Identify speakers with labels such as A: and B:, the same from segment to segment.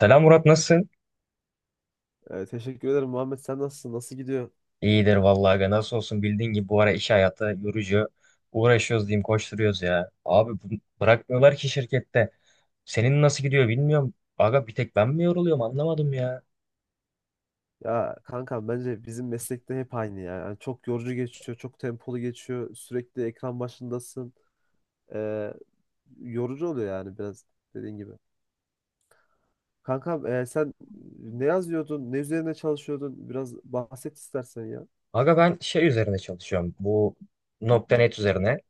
A: Selam Murat, nasılsın?
B: Teşekkür ederim Muhammed. Sen nasılsın? Nasıl gidiyor?
A: İyidir vallahi aga, nasıl olsun, bildiğin gibi bu ara iş hayatı yorucu. Uğraşıyoruz diyeyim, koşturuyoruz ya. Abi bırakmıyorlar ki şirkette. Senin nasıl gidiyor bilmiyorum. Aga, bir tek ben mi yoruluyorum, anlamadım ya.
B: Ya kankam, bence bizim meslekte hep aynı ya. Yani çok yorucu geçiyor, çok tempolu geçiyor. Sürekli ekran başındasın. Ee, Yorucu oluyor yani, biraz dediğin gibi. Kankam, sen ne yazıyordun? Ne üzerine çalışıyordun? Biraz bahset istersen ya.
A: Aga, ben şey üzerine çalışıyorum, bu nokta .NET üzerine.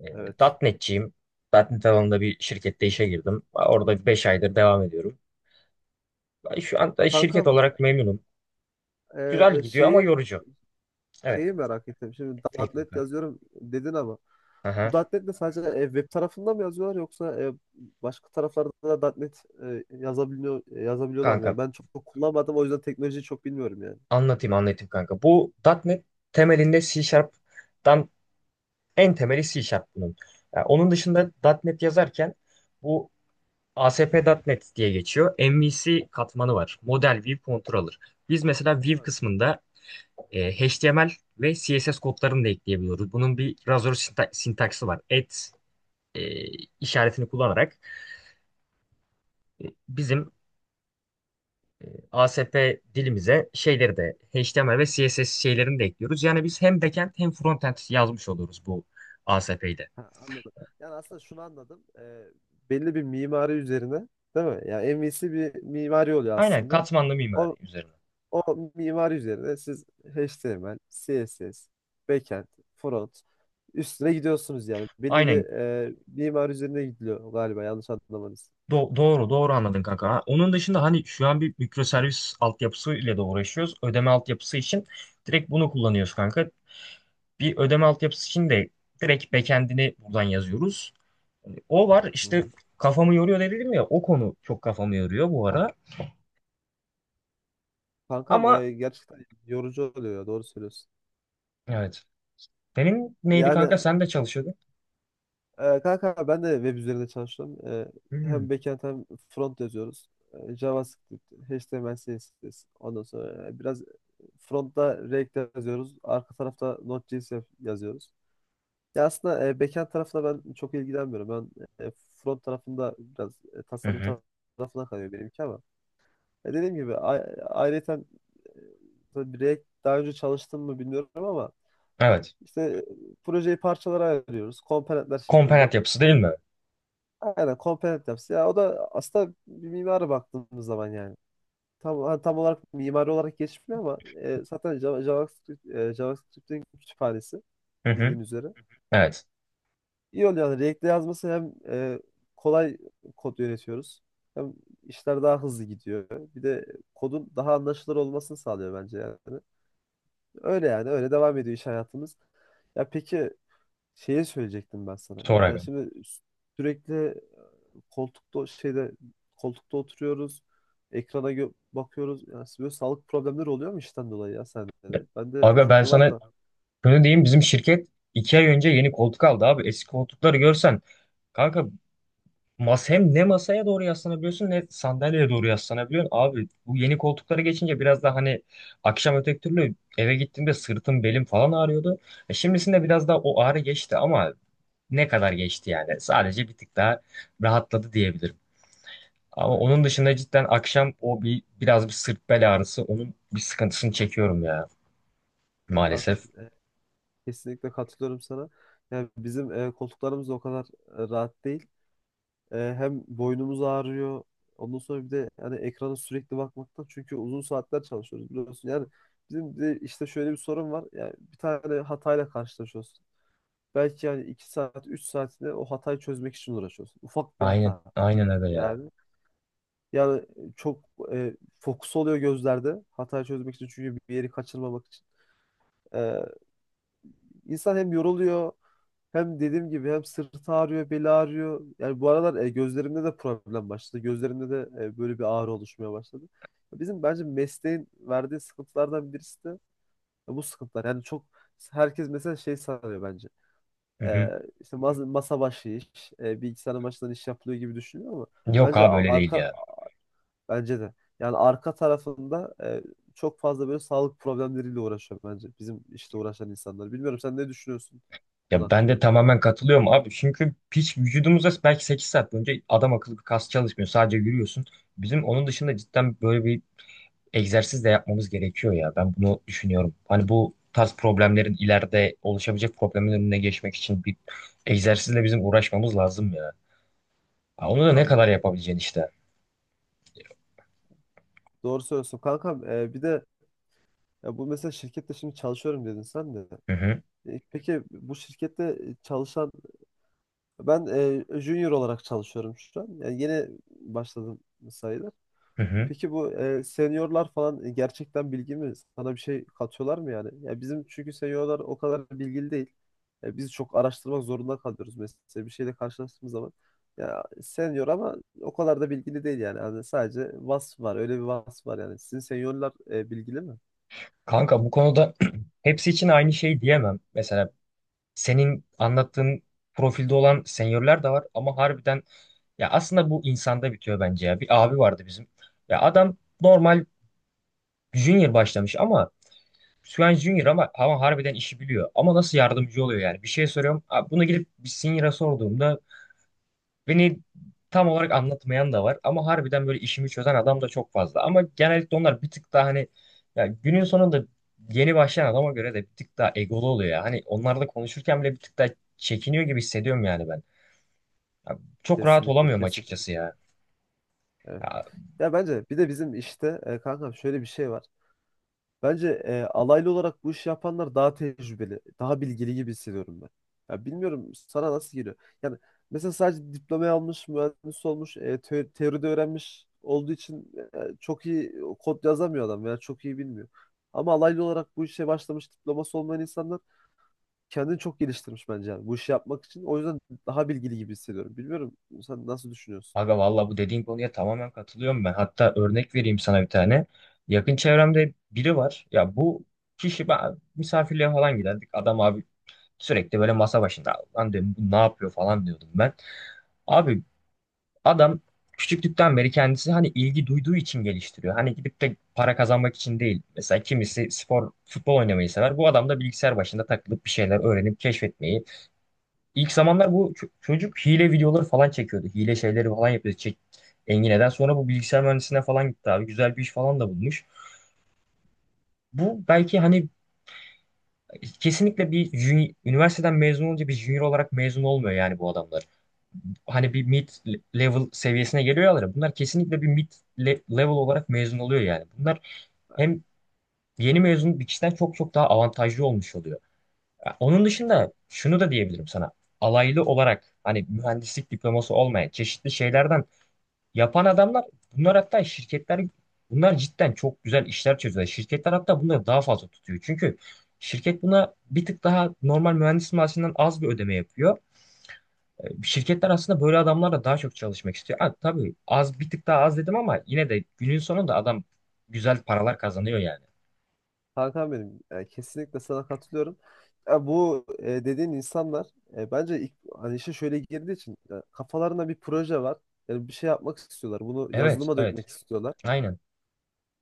A: E,
B: Evet.
A: .NET'ciyim. .NET alanında bir şirkette işe girdim. Orada 5 aydır devam ediyorum. Ben şu anda şirket
B: Kankam,
A: olarak memnunum.
B: e,
A: Güzel gidiyor ama
B: şeyi
A: yorucu. Evet,
B: şeyi
A: kanka.
B: merak ettim. Şimdi
A: İyi,
B: .NET
A: kanka.
B: yazıyorum dedin ama bu
A: Aha.
B: .NET'le sadece web tarafında mı yazıyorlar, yoksa başka taraflarda da .NET yazabiliyorlar mı
A: Kanka,
B: ya? Ben çok kullanmadım, o yüzden teknolojiyi çok bilmiyorum yani.
A: anlatayım anlatayım kanka. Bu .NET temelinde C Sharp'tan, en temeli C Sharp bunun. Yani onun dışında .NET yazarken bu A S P nokta .NET diye geçiyor. MVC katmanı var. Model View Controller. Biz mesela View
B: Tamam.
A: kısmında HTML ve CSS kodlarını da ekleyebiliyoruz. Bunun bir razor sintaksi var. Et e, işaretini kullanarak bizim ASP dilimize şeyleri de HTML ve CSS şeylerini de ekliyoruz. Yani biz hem backend hem frontend yazmış oluyoruz bu ASP'de.
B: Ha, anladım. Yani aslında şunu anladım. Belli bir mimari üzerine, değil mi? Yani MVC bir mimari oluyor
A: Aynen,
B: aslında.
A: katmanlı mimari
B: O
A: üzerine.
B: O mimari üzerine siz HTML, CSS, backend, front üstüne gidiyorsunuz yani. Belli bir
A: Aynen,
B: mimari üzerine gidiliyor galiba, yanlış anlamanız.
A: Doğru doğru anladın kanka. Ha, onun dışında hani şu an bir mikroservis altyapısı ile de uğraşıyoruz. Ödeme altyapısı için direkt bunu kullanıyoruz kanka. Bir ödeme altyapısı için de direkt backend'ini buradan yazıyoruz. Hani o var
B: Hı
A: işte,
B: hı.
A: kafamı yoruyor dedim ya, o konu çok kafamı yoruyor bu ara.
B: Kankam,
A: Ama
B: gerçekten yorucu oluyor ya, doğru söylüyorsun.
A: evet. Senin neydi
B: Yani.
A: kanka? Sen de çalışıyordun.
B: Kanka, ben de web üzerinde çalıştım.
A: Hmm.
B: Hem backend hem front yazıyoruz. JavaScript, HTML, CSS. Ondan sonra biraz frontta React yazıyoruz. Arka tarafta Node.js yazıyoruz. Ya aslında backend tarafına ben çok ilgilenmiyorum. Ben front tarafında biraz
A: Hı
B: tasarım
A: hı.
B: tarafına kalıyor benimki ama. Dediğim gibi, ayrıyeten e, tabii, React daha önce çalıştım mı bilmiyorum ama
A: Evet.
B: işte projeyi parçalara ayırıyoruz, komponentler şeklinde.
A: Komponent yapısı değil mi?
B: Aynen, komponent yapısı. Ya o da aslında bir mimara baktığımız zaman yani. Tam olarak mimari olarak geçmiyor ama zaten JavaScript, JavaScript'in kütüphanesi
A: Hı hı.
B: bildiğin üzere.
A: Evet.
B: İyi oluyor yani React'le yazması. Hem kolay kod yönetiyoruz, hem işler daha hızlı gidiyor. Bir de kodun daha anlaşılır olmasını sağlıyor bence yani. Öyle yani, öyle devam ediyor iş hayatımız. Ya peki, şeye söyleyecektim ben sana.
A: Sonra
B: Yani
A: aga.
B: şimdi sürekli koltukta şeyde koltukta oturuyoruz. Ekrana bakıyoruz. Yani böyle sağlık problemleri oluyor mu işten dolayı, ya sende de? Ben de
A: Aga, ben
B: çünkü var
A: sana
B: da.
A: şunu diyeyim. Bizim şirket 2 ay önce yeni koltuk aldı abi. Eski koltukları görsen. Kanka, hem ne masaya doğru yaslanabiliyorsun ne sandalyeye doğru yaslanabiliyorsun. Abi, bu yeni koltuklara geçince biraz daha hani akşam öteki türlü eve gittiğimde sırtım belim falan ağrıyordu. E, şimdisinde biraz daha o ağrı geçti ama ne kadar geçti yani. Sadece bir tık daha rahatladı diyebilirim. Ama
B: Aynen,
A: onun
B: aynen.
A: dışında cidden akşam o biraz bir sırt bel ağrısı onun bir sıkıntısını çekiyorum ya,
B: Hakan,
A: maalesef.
B: kesinlikle katılıyorum sana. Yani bizim koltuklarımız da o kadar rahat değil. Hem boynumuz ağrıyor. Ondan sonra bir de yani, ekrana sürekli bakmaktan, çünkü uzun saatler çalışıyoruz biliyorsun. Yani bizim de işte şöyle bir sorun var: yani bir tane hatayla karşılaşıyoruz, belki yani 2 saat 3 saatinde o hatayı çözmek için uğraşıyorsun. Ufak bir
A: Aynen
B: hata
A: aynen, öyle ya.
B: yani. Yani çok fokus oluyor gözlerde hatayı çözmek için, çünkü bir yeri kaçırmamak için. E, insan hem yoruluyor, hem dediğim gibi, hem sırtı ağrıyor, beli ağrıyor. Yani bu aralar gözlerimde de problem başladı. Gözlerimde de böyle bir ağrı oluşmaya başladı. Bizim bence mesleğin verdiği sıkıntılardan birisi de bu sıkıntılar. Yani çok, herkes mesela şey sanıyor bence.
A: Hı
B: Ee,
A: hı.
B: işte masa başı iş, bilgisayar başından iş yapılıyor gibi düşünüyor ama
A: Yok
B: bence
A: abi, öyle değil
B: arka
A: ya.
B: bence de yani, arka tarafında çok fazla böyle sağlık problemleriyle uğraşıyor bence bizim işte uğraşan insanlar. Bilmiyorum, sen ne düşünüyorsun bu konu
A: Ya, ben de
B: hakkında?
A: tamamen katılıyorum abi. Çünkü hiç vücudumuzda belki 8 saat boyunca adam akıllı bir kas çalışmıyor. Sadece yürüyorsun. Bizim onun dışında cidden böyle bir egzersiz de yapmamız gerekiyor ya. Ben bunu düşünüyorum. Hani bu tarz problemlerin ileride oluşabilecek problemin önüne geçmek için bir egzersizle bizim uğraşmamız lazım ya. Ha, onu da ne kadar
B: Anladım.
A: yapabileceğin işte.
B: Doğru söylüyorsun kankam. Bir de, ya bu, mesela şirkette şimdi çalışıyorum dedin sen de.
A: Hı hı.
B: Peki, bu şirkette çalışan ben, junior olarak çalışıyorum şu an. Yani yeni başladım sayılır.
A: Hı hı.
B: Peki bu seniorlar falan gerçekten bilgi mi? Sana bir şey katıyorlar mı yani? Ya bizim çünkü seniorlar o kadar bilgili değil. Biz çok araştırmak zorunda kalıyoruz mesela, bir şeyle karşılaştığımız zaman. Ya senior ama o kadar da bilgili değil yani. Yani sadece vasf var. Öyle bir vasf var yani. Sizin seniorlar bilgili mi?
A: Kanka, bu konuda hepsi için aynı şey diyemem. Mesela senin anlattığın profilde olan senyörler de var ama harbiden, ya aslında bu insanda bitiyor bence ya. Bir abi vardı bizim. Ya adam normal junior başlamış ama şu an junior ama harbiden işi biliyor. Ama nasıl yardımcı oluyor yani? Bir şey soruyorum. Abi, bunu gidip bir senior'a sorduğumda beni tam olarak anlatmayan da var ama harbiden böyle işimi çözen adam da çok fazla. Ama genellikle onlar bir tık daha hani, ya günün sonunda yeni başlayan adama göre de bir tık daha egolu oluyor ya. Hani onlarla konuşurken bile bir tık daha çekiniyor gibi hissediyorum yani ben. Ya, çok rahat
B: Kesinlikle,
A: olamıyorum
B: kesinlikle.
A: açıkçası ya.
B: Evet.
A: Ya
B: Ya bence bir de bizim işte, kankam, şöyle bir şey var. Bence alaylı olarak bu işi yapanlar daha tecrübeli, daha bilgili gibi hissediyorum ben. Ya bilmiyorum, sana nasıl geliyor. Yani mesela sadece diplomayı almış, mühendis olmuş, teoride öğrenmiş olduğu için çok iyi kod yazamıyor adam veya çok iyi bilmiyor. Ama alaylı olarak bu işe başlamış, diploması olmayan insanlar kendini çok geliştirmiş bence, yani bu işi yapmak için. O yüzden daha bilgili gibi hissediyorum. Bilmiyorum, sen nasıl düşünüyorsun?
A: aga, valla bu dediğin konuya tamamen katılıyorum ben. Hatta örnek vereyim sana bir tane. Yakın çevremde biri var. Ya bu kişi, ben misafirliğe falan giderdik. Adam abi sürekli böyle masa başında. Lan diyorum, bu ne yapıyor falan diyordum ben. Abi, adam küçüklükten beri kendisi hani ilgi duyduğu için geliştiriyor. Hani gidip de para kazanmak için değil. Mesela kimisi spor, futbol oynamayı sever. Bu adam da bilgisayar başında takılıp bir şeyler öğrenip keşfetmeyi. İlk zamanlar bu çocuk hile videoları falan çekiyordu. Hile şeyleri falan yapıyordu. Çek Engine'den sonra bu bilgisayar mühendisliğine falan gitti abi. Güzel bir iş falan da bulmuş. Bu belki hani kesinlikle bir üniversiteden mezun olunca bir junior olarak mezun olmuyor yani bu adamlar. Hani bir mid level seviyesine geliyorlar ya, bunlar kesinlikle bir mid level olarak mezun oluyor yani. Bunlar hem yeni mezun bir kişiden çok çok daha avantajlı olmuş oluyor. Ya, onun dışında şunu da diyebilirim sana. Alaylı olarak hani mühendislik diploması olmayan çeşitli şeylerden yapan adamlar, bunlar, hatta şirketler, bunlar cidden çok güzel işler çözüyor. Şirketler hatta bunları daha fazla tutuyor. Çünkü şirket buna bir tık daha normal mühendis maaşından az bir ödeme yapıyor. E, şirketler aslında böyle adamlarla daha çok çalışmak istiyor. Ha, tabii az bir tık daha az dedim ama yine de günün sonunda adam güzel paralar kazanıyor yani.
B: Hakan, benim, kesinlikle sana katılıyorum. Ya bu dediğin insanlar bence ilk, hani işe şöyle girdiği için kafalarında bir proje var. Yani bir şey yapmak istiyorlar, bunu
A: Evet,
B: yazılıma
A: evet.
B: dökmek istiyorlar.
A: Aynen.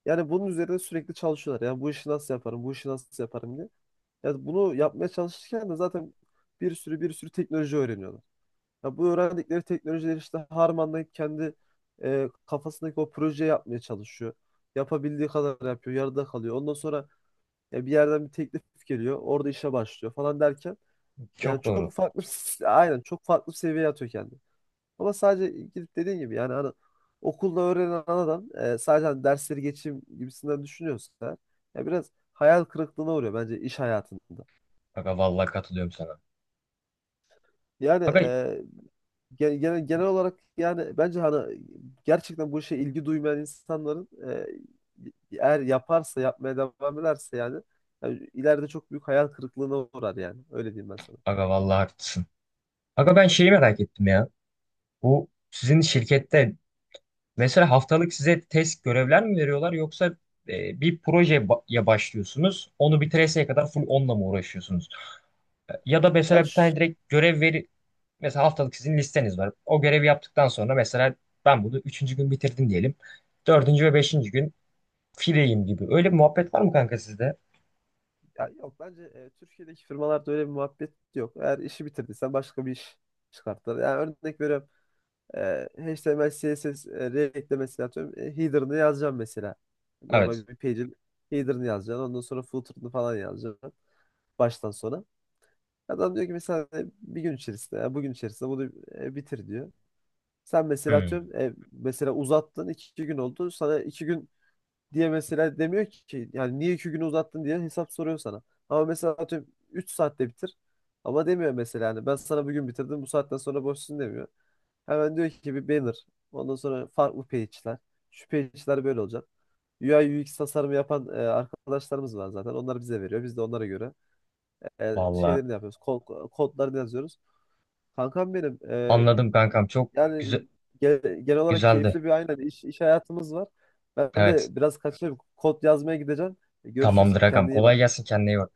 B: Yani bunun üzerine sürekli çalışıyorlar, yani bu işi nasıl yaparım, bu işi nasıl yaparım diye. Yani bunu yapmaya çalışırken de zaten bir sürü teknoloji öğreniyorlar. Ya bu öğrendikleri teknolojileri işte harmanlayıp kendi kafasındaki o projeyi yapmaya çalışıyor. Yapabildiği kadar yapıyor, yarıda kalıyor. Ondan sonra ya bir yerden bir teklif geliyor, orada işe başlıyor falan derken, yani
A: Çok doğru.
B: çok farklı aynen, çok farklı bir seviyeye atıyor kendini. Ama sadece gidip dediğin gibi, yani hani okulda öğrenen adam sadece hani dersleri geçeyim gibisinden düşünüyorsa eğer, ya biraz hayal kırıklığına uğruyor bence iş hayatında.
A: Aga, vallahi katılıyorum sana.
B: Yani
A: Aga,
B: genel olarak yani, bence hani gerçekten bu işe ilgi duymayan insanların, eğer yaparsa, yapmaya devam ederse yani, ileride çok büyük hayal kırıklığına uğrar, yani öyle diyeyim ben sana.
A: aga vallahi haklısın. Aga, ben şeyi merak ettim ya. Bu sizin şirkette mesela haftalık size test görevler mi veriyorlar yoksa bir projeye başlıyorsunuz. Onu bitireseye kadar full onunla mı uğraşıyorsunuz? Ya da
B: Ya,
A: mesela bir
B: ş-
A: tane direkt görev. Mesela haftalık sizin listeniz var. O görevi yaptıktan sonra mesela ben bunu üçüncü gün bitirdim diyelim. Dördüncü ve beşinci gün fileyim gibi. Öyle bir muhabbet var mı kanka sizde?
B: ya yok bence Türkiye'deki firmalarda öyle bir muhabbet yok. Eğer işi bitirdiysen başka bir iş çıkartırlar. Yani örnek veriyorum, e, HTML, CSS, React'le mesela, atıyorum, header'ını yazacağım mesela.
A: Evet.
B: Normal bir page'in header'ını yazacaksın, ondan sonra footer'ını falan yazacaksın, baştan sona. Adam diyor ki mesela bir gün içerisinde, ya bugün içerisinde bunu bitir diyor. Sen mesela
A: Hmm,
B: atıyorum, mesela uzattın, 2 gün oldu. Sana 2 gün diye mesela demiyor ki yani, niye 2 günü uzattın diye hesap soruyor sana. Ama mesela atıyorum 3 saatte bitir. Ama demiyor mesela yani, ben sana bugün bitirdim, bu saatten sonra boşsun demiyor. Hemen diyor ki bir banner, ondan sonra farklı page'ler, şu page'ler böyle olacak. UI UX tasarımı yapan arkadaşlarımız var zaten. Onlar bize veriyor, biz de onlara göre
A: valla
B: şeylerini yapıyoruz. Kodlarını yazıyoruz. Kankam, benim,
A: anladım kankam. Çok
B: yani
A: güzel,
B: genel olarak
A: güzeldi.
B: keyifli bir, aynen, iş hayatımız var. Ben
A: Evet.
B: de biraz kaçayım, kod yazmaya gideceğim. Görüşürüz,
A: Tamamdır agam.
B: kendine iyi
A: Kolay
B: bak.
A: gelsin, kendine iyi bak.